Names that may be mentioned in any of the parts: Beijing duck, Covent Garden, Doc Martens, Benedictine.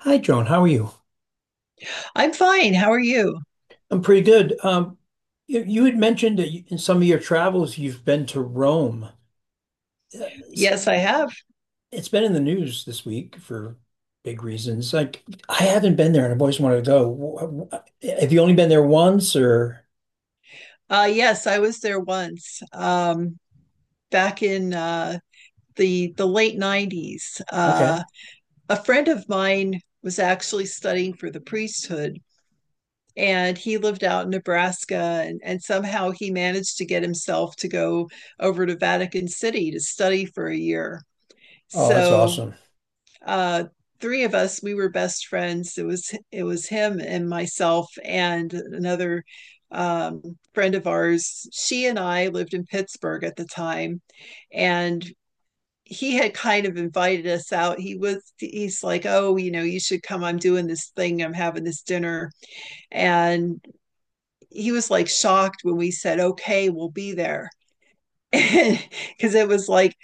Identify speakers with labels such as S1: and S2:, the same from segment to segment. S1: Hi, Joan. How are you?
S2: I'm fine. How are you?
S1: I'm pretty good. You had mentioned that in some of your travels you've been to Rome. Uh, It's,
S2: Yes, I have.
S1: it's been in the news this week for big reasons. Like I haven't been there, and I've always wanted to go. Have you only been there once, or?
S2: Yes, I was there once, back in the late 90s.
S1: Okay.
S2: A friend of mine was actually studying for the priesthood, and he lived out in Nebraska, and somehow he managed to get himself to go over to Vatican City to study for a year.
S1: Oh, that's
S2: So
S1: awesome.
S2: uh, three of us, we were best friends. It was him and myself and another um, friend of ours. She and I lived in Pittsburgh at the time. And he had kind of invited us out. He's like, oh, you know, you should come, I'm doing this thing, I'm having this dinner. And he was like shocked when we said, okay, we'll be there, because it was like,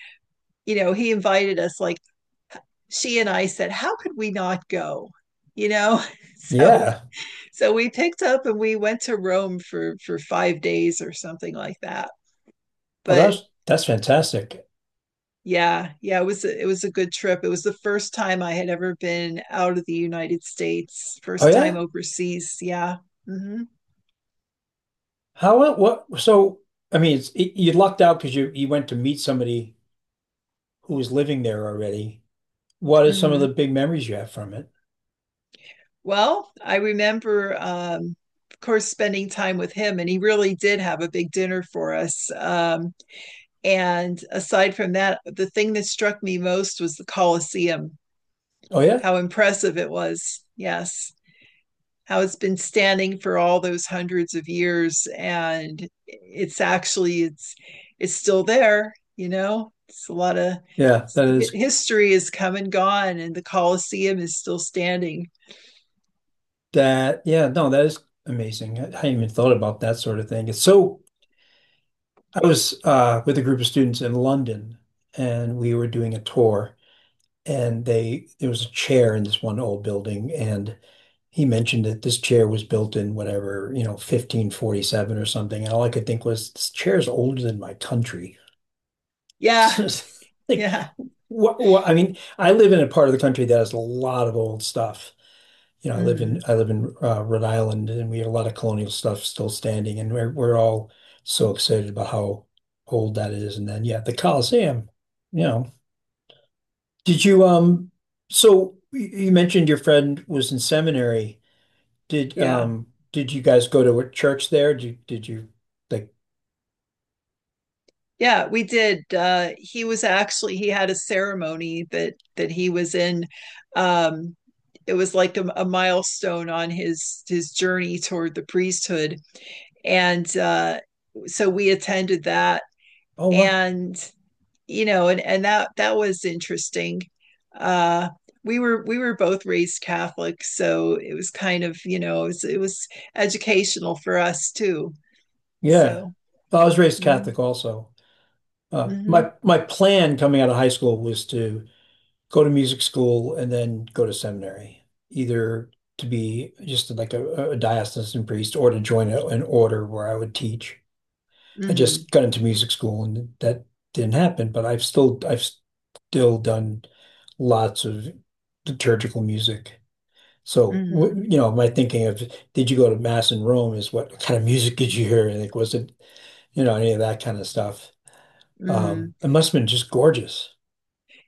S2: you know, he invited us, like, she and I said, how could we not go? You know, so
S1: Yeah.
S2: so we picked up and we went to Rome for 5 days or something like that.
S1: Oh,
S2: But
S1: that's fantastic.
S2: yeah, yeah, it was it was a good trip. It was the first time I had ever been out of the United States,
S1: Oh
S2: first time
S1: yeah.
S2: overseas. Yeah. hmm
S1: How what? So I mean, you lucked out because you went to meet somebody who was living there already. What are some of the
S2: hmm
S1: big memories you have from it?
S2: Well, I remember, of course, spending time with him, and he really did have a big dinner for us. And aside from that, the thing that struck me most was the Colosseum,
S1: Oh yeah.
S2: how impressive it was. Yes, how it's been standing for all those hundreds of years, and it's actually it's still there, you know, it's a lot of
S1: Yeah, that is
S2: history is come and gone, and the Colosseum is still standing.
S1: that. Yeah, no, that is amazing. I hadn't even thought about that sort of thing. It's so I was with a group of students in London, and we were doing a tour, and they there was a chair in this one old building, and he mentioned that this chair was built in whatever, 1547 or something, and all I could think was this chair is older than my country.
S2: Yeah.
S1: Like,
S2: Yeah.
S1: what, what? I mean, I live in a part of the country that has a lot of old stuff. You know, I live in
S2: Mhm.
S1: I live in uh, Rhode Island, and we have a lot of colonial stuff still standing, and we're all so excited about how old that is. And then, yeah, the Coliseum. You know. Did you um? So you mentioned your friend was in seminary. Did
S2: Yeah.
S1: um? Did you guys go to a church there? Did you like?
S2: Yeah, we did. He was actually, he had a ceremony that he was in, um it was like a milestone on his journey toward the priesthood. And so we attended that.
S1: Oh wow,
S2: And you know, and that was interesting. Uh we were both raised Catholic, so it was kind of, you know, it was educational for us too.
S1: yeah.
S2: So,
S1: Well, I was raised
S2: mhm.
S1: Catholic also. Uh, my
S2: Mhm.
S1: my plan coming out of high school was to go to music school and then go to seminary, either to be just like a diocesan priest or to join an order where I would teach. I
S2: Mm-hmm.
S1: just got into music school and that didn't happen, but I've still done lots of liturgical music. So,
S2: Mm-hmm.
S1: you know, my thinking of did you go to mass in Rome is what kind of music did you hear? Like, was it, any of that kind of stuff?
S2: Mm-hmm.
S1: It must have been just gorgeous.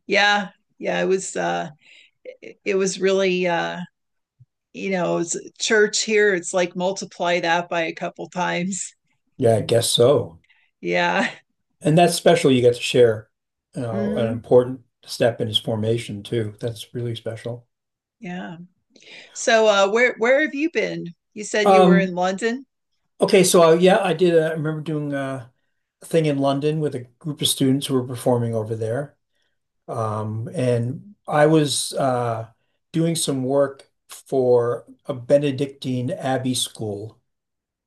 S2: Yeah. Yeah. It was it was really you know, it's church here, it's like multiply that by a couple times.
S1: Yeah, I guess so.
S2: Yeah.
S1: And that's special you get to share, you an
S2: Mm-hmm.
S1: important step in his formation too. That's really special.
S2: Yeah. So where have you been? You said you were in
S1: Um,
S2: London.
S1: okay, so yeah, I did. I remember doing a thing in London with a group of students who were performing over there, and I was doing some work for a Benedictine abbey school.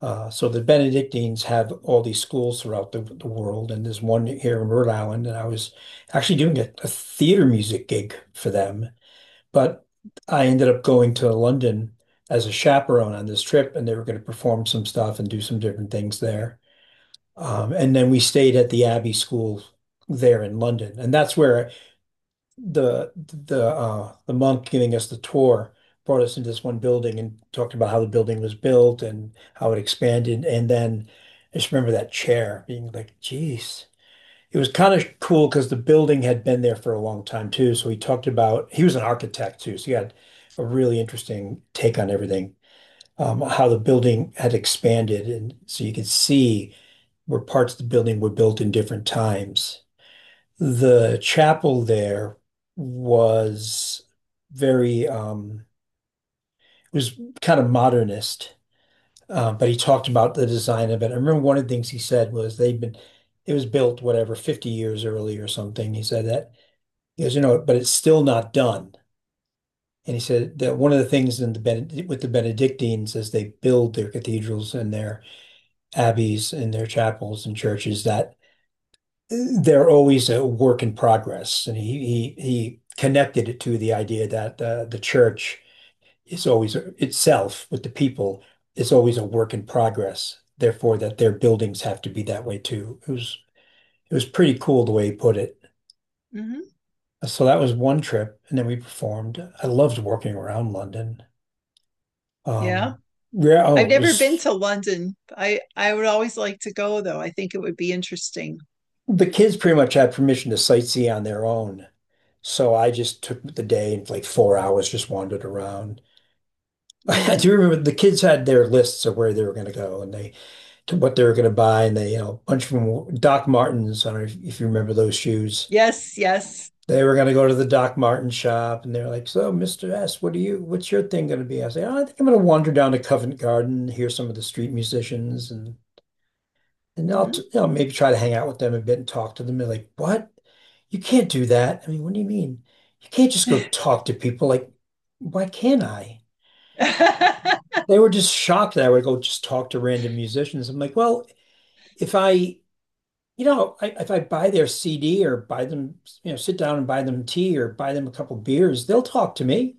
S1: So the Benedictines have all these schools throughout the world, and there's one here in Rhode Island, and I was actually doing a theater music gig for them. But I ended up going to London as a chaperone on this trip, and they were going to perform some stuff and do some different things there. And then we stayed at the Abbey School there in London, and that's where the monk giving us the tour brought us into this one building and talked about how the building was built and how it expanded. And then I just remember that chair being like, "Geez." It was kind of cool because the building had been there for a long time too. So he talked about he was an architect too, so he had a really interesting take on everything, how the building had expanded, and so you could see where parts of the building were built in different times. The chapel there was very. It was kind of modernist, but he talked about the design of it. I remember one of the things he said was they'd been it was built whatever 50 years early or something. He said that. He goes, you know, but it's still not done. And he said that one of the things in the Bened with the Benedictines as they build their cathedrals and their abbeys and their chapels and churches that they're always a work in progress. And he connected it to the idea that the church is always itself with the people is always a work in progress. Therefore, that their buildings have to be that way too. It was pretty cool the way he put it.
S2: Mm-hmm.
S1: So that was one trip, and then we performed. I loved working around London.
S2: Yeah.
S1: Um, yeah,
S2: I've
S1: oh,
S2: never been to London. I would always like to go though. I think it would be interesting.
S1: the kids pretty much had permission to sightsee on their own. So I just took the day and like 4 hours just wandered around. I do
S2: Mm-hmm.
S1: remember the kids had their lists of where they were going to go and they to what they were going to buy and they a bunch of them Doc Martens. I don't know if you remember those shoes.
S2: Yes, yes.
S1: They were going to go to the Doc Marten shop and they are like, "So, Mr. S, what's your thing going to be?" I say, "Oh, I think I'm going to wander down to Covent Garden, hear some of the street musicians and." And I'll,
S2: Mm-hmm.
S1: you know, maybe try to hang out with them a bit and talk to them. They're like, what? You can't do that. I mean, what do you mean? You can't just go talk to people. Like, why can't I? They were just shocked that I would go just talk to random musicians. I'm like, well, if I, you know, I, if I buy their CD or buy them, sit down and buy them tea or buy them a couple beers, they'll talk to me.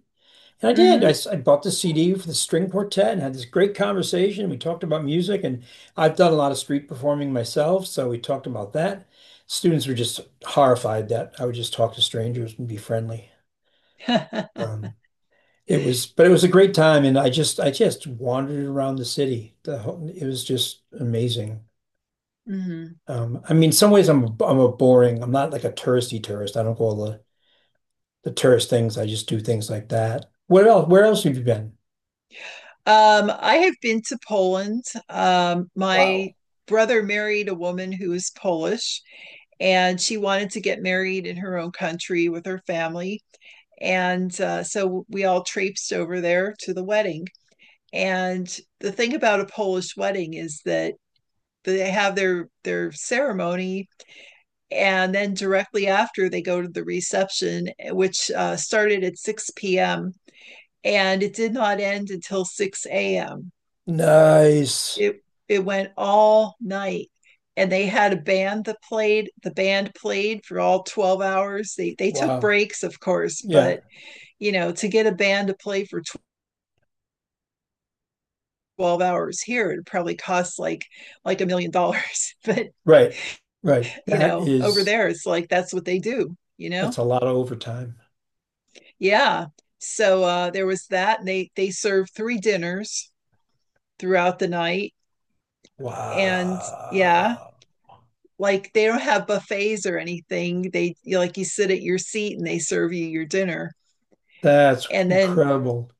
S1: And I did. I,
S2: Mm-hmm.
S1: s- I bought the CD for the string quartet and had this great conversation. We talked about music, and I've done a lot of street performing myself, so we talked about that. Students were just horrified that I would just talk to strangers and be friendly. Um, but it was a great time, and I just wandered around the city. It was just amazing.
S2: Mm-hmm.
S1: I mean, in some ways, I'm a boring. I'm not like a touristy tourist. I don't go all the tourist things. I just do things like that. Where else? Where else have you been?
S2: I have been to Poland.
S1: Wow.
S2: My brother married a woman who is Polish, and she wanted to get married in her own country with her family. And so we all traipsed over there to the wedding. And the thing about a Polish wedding is that they have their ceremony, and then directly after they go to the reception, which started at 6 p.m. and it did not end until 6 a.m.
S1: Nice.
S2: It went all night, and they had a band that played. The band played for all 12 hours. They took
S1: Wow.
S2: breaks, of course,
S1: Yeah.
S2: but you know, to get a band to play for 12 hours here, it probably costs like $1 million. But
S1: Right. Right.
S2: you
S1: That
S2: know, over
S1: is,
S2: there it's like that's what they do, you
S1: that's
S2: know.
S1: a lot of overtime.
S2: Yeah. So there was that, and they served 3 dinners throughout the night. And yeah,
S1: Wow.
S2: like they don't have buffets or anything. They, like, you sit at your seat and they serve you your dinner.
S1: That's
S2: And then
S1: incredible.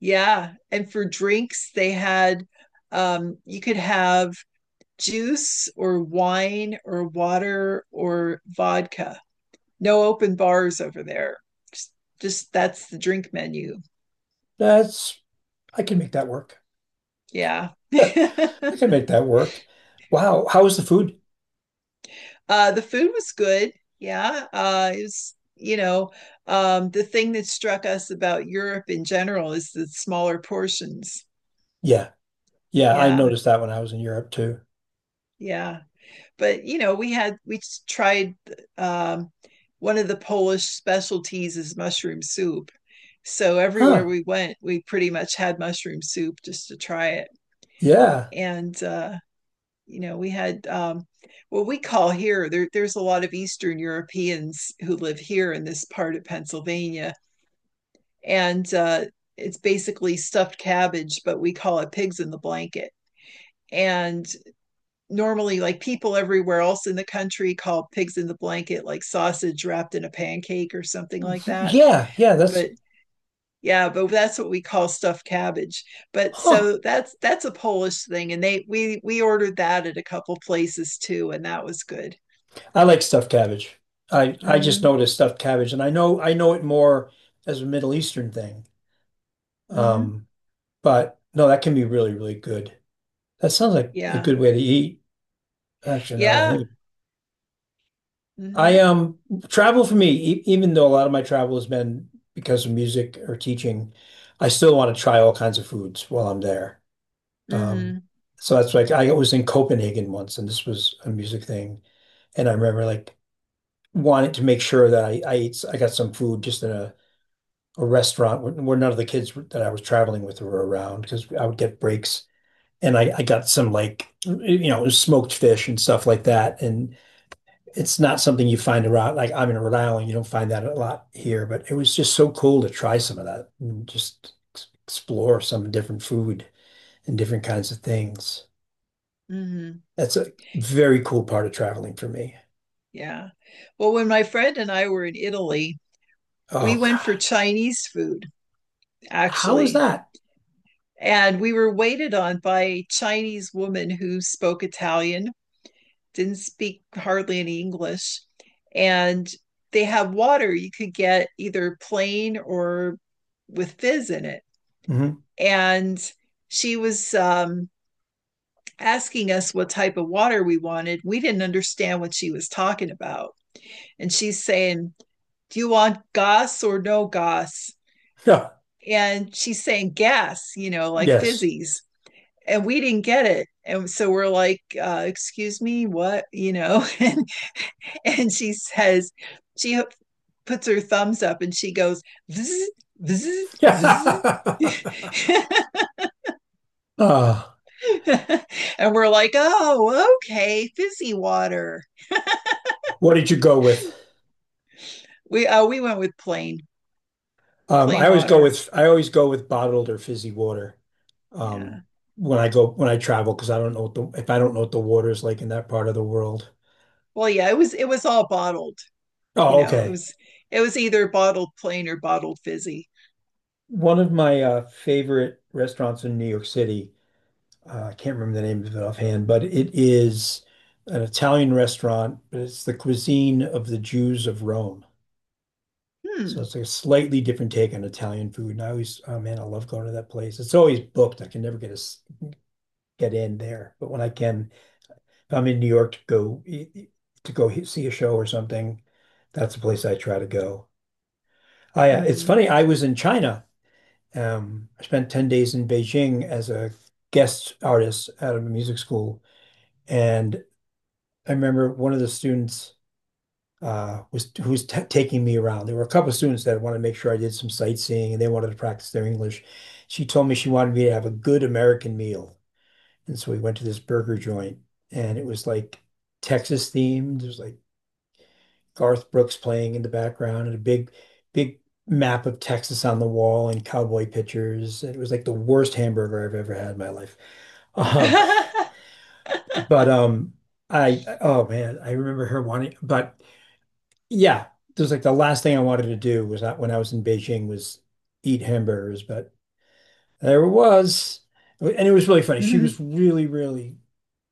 S2: yeah, and for drinks they had you could have juice or wine or water or vodka. No open bars over there. Just, just that's the drink menu.
S1: That's, I can make that work.
S2: Yeah.
S1: I can make that work. Wow. How was the food?
S2: The food was good. Yeah. It was, you know, the thing that struck us about Europe in general is the smaller portions.
S1: Yeah. Yeah. I
S2: Yeah.
S1: noticed that when I was in Europe too.
S2: Yeah. But, you know, we tried um, one of the Polish specialties is mushroom soup. So everywhere
S1: Huh.
S2: we went, we pretty much had mushroom soup just to try it.
S1: Yeah.
S2: And you know, we had what we call here, there's a lot of Eastern Europeans who live here in this part of Pennsylvania. And it's basically stuffed cabbage, but we call it pigs in the blanket. And normally, like, people everywhere else in the country call pigs in the blanket like sausage wrapped in a pancake or something like that.
S1: Yeah. Yeah. That's,
S2: But yeah, but that's what we call stuffed cabbage. But
S1: huh.
S2: so that's a Polish thing, and they we ordered that at a couple places too, and that was good.
S1: I like stuffed cabbage. I just
S2: Mm-hmm.
S1: noticed stuffed cabbage and I know it more as a Middle Eastern thing.
S2: Mm-hmm.
S1: Um, but no, that can be really, really good. That sounds like a
S2: Yeah.
S1: good way to eat, actually, now that I
S2: Yeah.
S1: think of it. I
S2: Mm-hmm.
S1: travel for me, e even though a lot of my travel has been because of music or teaching, I still want to try all kinds of foods while I'm there. Um,
S2: Mm-hmm.
S1: so that's like I was in Copenhagen once, and this was a music thing, and I remember like wanting to make sure that I got some food just in a restaurant where none of the kids that I was traveling with were around because I would get breaks, and I got some like smoked fish and stuff like that, and it's not something you find around. Like I'm in Rhode Island, you don't find that a lot here, but it was just so cool to try some of that and just explore some different food and different kinds of things.
S2: Mm-hmm.
S1: That's a very cool part of traveling for me.
S2: Yeah. Well, when my friend and I were in Italy, we
S1: Oh
S2: went for
S1: God,
S2: Chinese food,
S1: how is
S2: actually.
S1: that?
S2: And we were waited on by a Chinese woman who spoke Italian, didn't speak hardly any English. And they had water, you could get either plain or with fizz in it.
S1: Hmm.
S2: And she was asking us what type of water we wanted, we didn't understand what she was talking about. And she's saying, do you want gas or no gas?
S1: Yeah.
S2: And she's saying gas, you know, like
S1: Yes.
S2: fizzies. And we didn't get it. And so we're like, excuse me, what? You know, and she says, She puts her thumbs up and she goes, vzz, vzz, vzz.
S1: Yeah. Uh,
S2: And we're like, oh, okay, fizzy water.
S1: what did you go with?
S2: We went with
S1: I
S2: plain
S1: always go
S2: water.
S1: with I always go with bottled or fizzy water. Um,
S2: Yeah.
S1: when I travel because I don't know what the if I don't know what the water is like in that part of the world.
S2: Well, yeah, it was all bottled. You
S1: Oh,
S2: know, it
S1: okay.
S2: was, it was either bottled plain or bottled fizzy.
S1: One of my favorite restaurants in New York City, I can't remember the name of it offhand, but it is an Italian restaurant, but it's the cuisine of the Jews of Rome. So
S2: Hmm.
S1: it's like a slightly different take on Italian food. And I always, oh man, I love going to that place. It's always booked. I can never get in there. But when I can, if I'm in New York to go see a show or something, that's the place I try to go. It's
S2: hmm
S1: funny, I was in China. I spent 10 days in Beijing as a guest artist at a music school. And I remember one of the students was who's t taking me around. There were a couple of students that wanted to make sure I did some sightseeing and they wanted to practice their English. She told me she wanted me to have a good American meal. And so we went to this burger joint and it was like Texas themed. There's like Garth Brooks playing in the background and a big, big map of Texas on the wall and cowboy pictures. It was like the worst hamburger I've ever had in my life. Um, but I, oh man, I remember her wanting. But yeah, there's like the last thing I wanted to do was not when I was in Beijing was eat hamburgers, but there it was, and it was really funny. She was really, really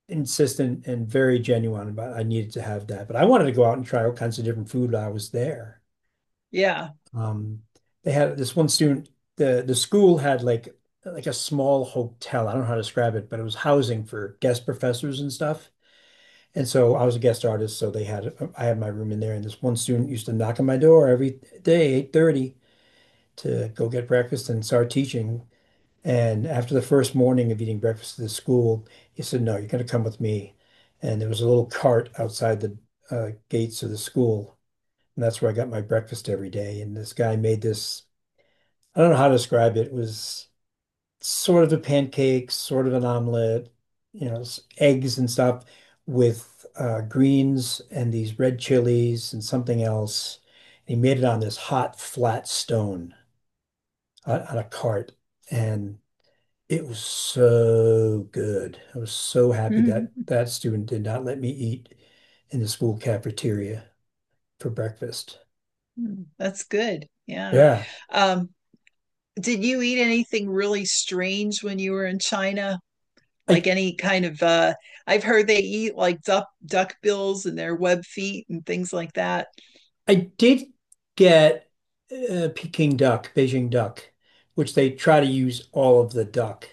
S1: insistent and very genuine about I needed to have that. But I wanted to go out and try all kinds of different food while I was there.
S2: yeah.
S1: Um, they had this one student, the school had like a small hotel. I don't know how to describe it, but it was housing for guest professors and stuff. And so I was a guest artist, so they had I had my room in there, and this one student used to knock on my door every day, 8:30, to go get breakfast and start teaching. And after the first morning of eating breakfast at the school, he said, "No, you're going to come with me." And there was a little cart outside the gates of the school, and that's where I got my breakfast every day. And this guy made this I don't know how to describe it. It was sort of a pancake, sort of an omelet, eggs and stuff with greens and these red chilies and something else. And he made it on this hot, flat stone on a cart. And it was so good. I was so happy that that student did not let me eat in the school cafeteria for breakfast.
S2: That's good. Yeah.
S1: Yeah.
S2: Um, did you eat anything really strange when you were in China? Like
S1: I
S2: any kind of I've heard they eat like duck duck bills and their web feet and things like that.
S1: I did get Peking duck, Beijing duck, which they try to use all of the duck.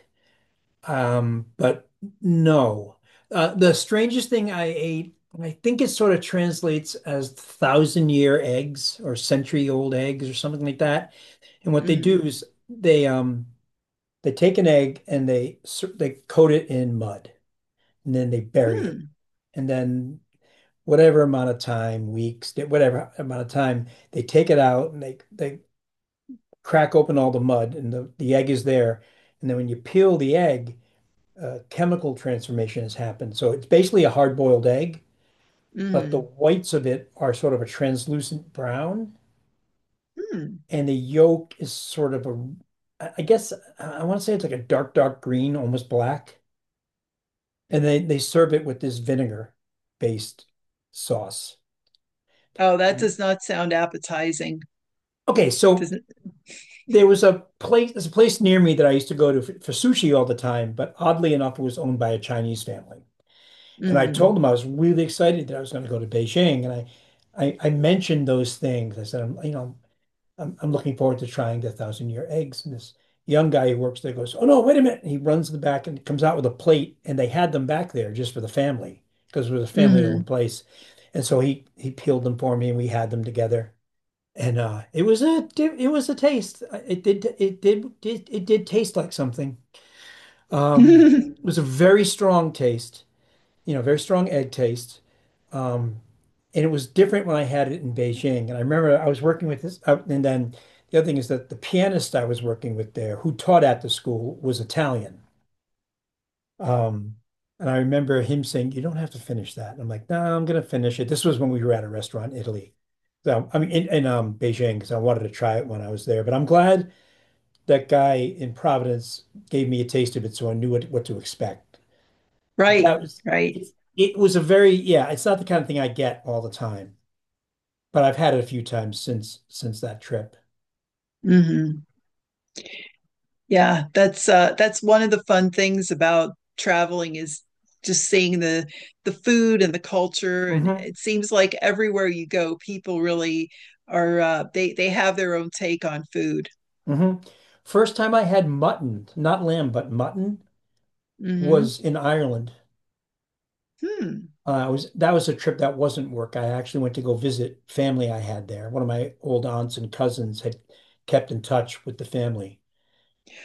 S1: But no. The strangest thing I ate, and I think it sort of translates as thousand year eggs or century old eggs or something like that. And what they do
S2: hmm
S1: is they um they take an egg and they they coat it in mud and then they bury it.
S2: Hmm.
S1: And then whatever amount of time, weeks, whatever amount of time, they take it out and they crack open all the mud and the egg is there. And then when you peel the egg, chemical transformation has happened. So it's basically a hard-boiled egg, but the
S2: hmm
S1: whites of it are sort of a translucent brown,
S2: Hmm.
S1: and the yolk is sort of a, I guess I want to say it's like a dark, dark green, almost black. And they serve it with this vinegar-based sauce.
S2: Oh, that
S1: Yeah.
S2: does not sound appetizing.
S1: Okay, so
S2: Doesn't.
S1: there was a place, there's a place near me that I used to go to for sushi all the time, but oddly enough, it was owned by a Chinese family. And I told
S2: Mm-hmm.
S1: them I was really excited that I was going to go to Beijing, and I mentioned those things. I said, I'm, you know, I'm looking forward to trying the thousand year eggs. And this young guy who works there goes, "Oh no, wait a minute!" And he runs to the back and comes out with a plate, and they had them back there just for the family because it was a
S2: Mm-hmm.
S1: family-owned place. And so he peeled them for me, and we had them together and it was a taste. It did taste like something. Um, it was a very strong taste, you know, very strong egg taste. Um, and it was different when I had it in Beijing. And I remember I was working with this, and then the other thing is that the pianist I was working with there, who taught at the school, was Italian. Um, and I remember him saying, "You don't have to finish that." And I'm like, "No, nah, I'm gonna finish it." This was when we were at a restaurant in Italy. So I mean, in Beijing, because I wanted to try it when I was there. But I'm glad that guy in Providence gave me a taste of it, so I knew what to expect.
S2: Right,
S1: That was
S2: right.
S1: it. It was a very yeah. It's not the kind of thing I get all the time, but I've had it a few times since that trip.
S2: hmm Yeah, that's one of the fun things about traveling is just seeing the food and the culture, and
S1: hmm
S2: it seems like everywhere you go people really are they have their own take on food.
S1: hmm First time I had mutton, not lamb, but mutton,
S2: hmm
S1: was in Ireland.
S2: Hmm.
S1: I was That was a trip that wasn't work. I actually went to go visit family I had there. One of my old aunts and cousins had kept in touch with the family.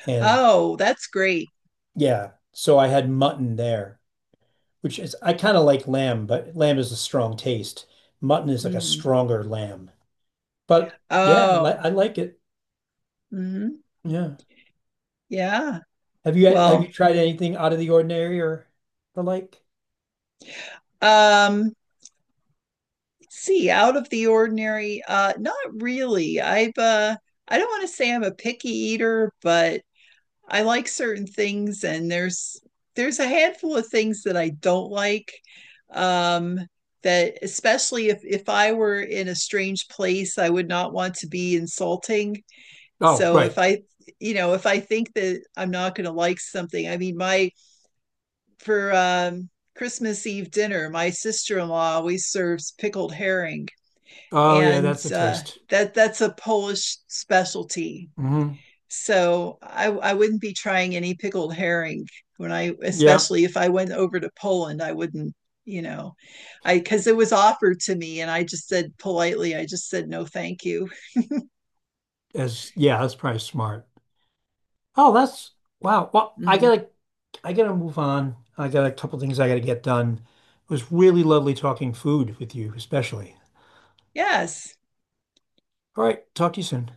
S1: And
S2: Oh, that's great.
S1: yeah, so I had mutton there, which is I kind of like lamb, but lamb is a strong taste. Mutton is like a
S2: hmm
S1: stronger lamb. But yeah,
S2: Oh.
S1: I like it.
S2: hmm
S1: Yeah.
S2: Yeah.
S1: Have you
S2: Well,
S1: tried anything out of the ordinary or the like?
S2: um see, out of the ordinary, not really. I don't want to say I'm a picky eater, but I like certain things, and there's a handful of things that I don't like, um that, especially if I were in a strange place, I would not want to be insulting.
S1: Oh,
S2: So
S1: right.
S2: if I, you know, if I think that I'm not going to like something, I mean, my, for Christmas Eve dinner, my sister-in-law always serves pickled herring,
S1: Oh, yeah,
S2: and
S1: that's a
S2: uh,
S1: taste.
S2: that, that's a Polish specialty.
S1: Hmm.
S2: So I wouldn't be trying any pickled herring when I,
S1: Yeah,
S2: especially if I went over to Poland, I wouldn't, you know, I, because it was offered to me, and I just said politely, I just said no, thank you.
S1: as yeah, that's probably smart. Oh, that's wow. Well,
S2: Mm-hmm.
S1: I gotta move on. I got a couple things I gotta get done. It was really lovely talking food with you, especially.
S2: Yes,
S1: All right, talk to you soon.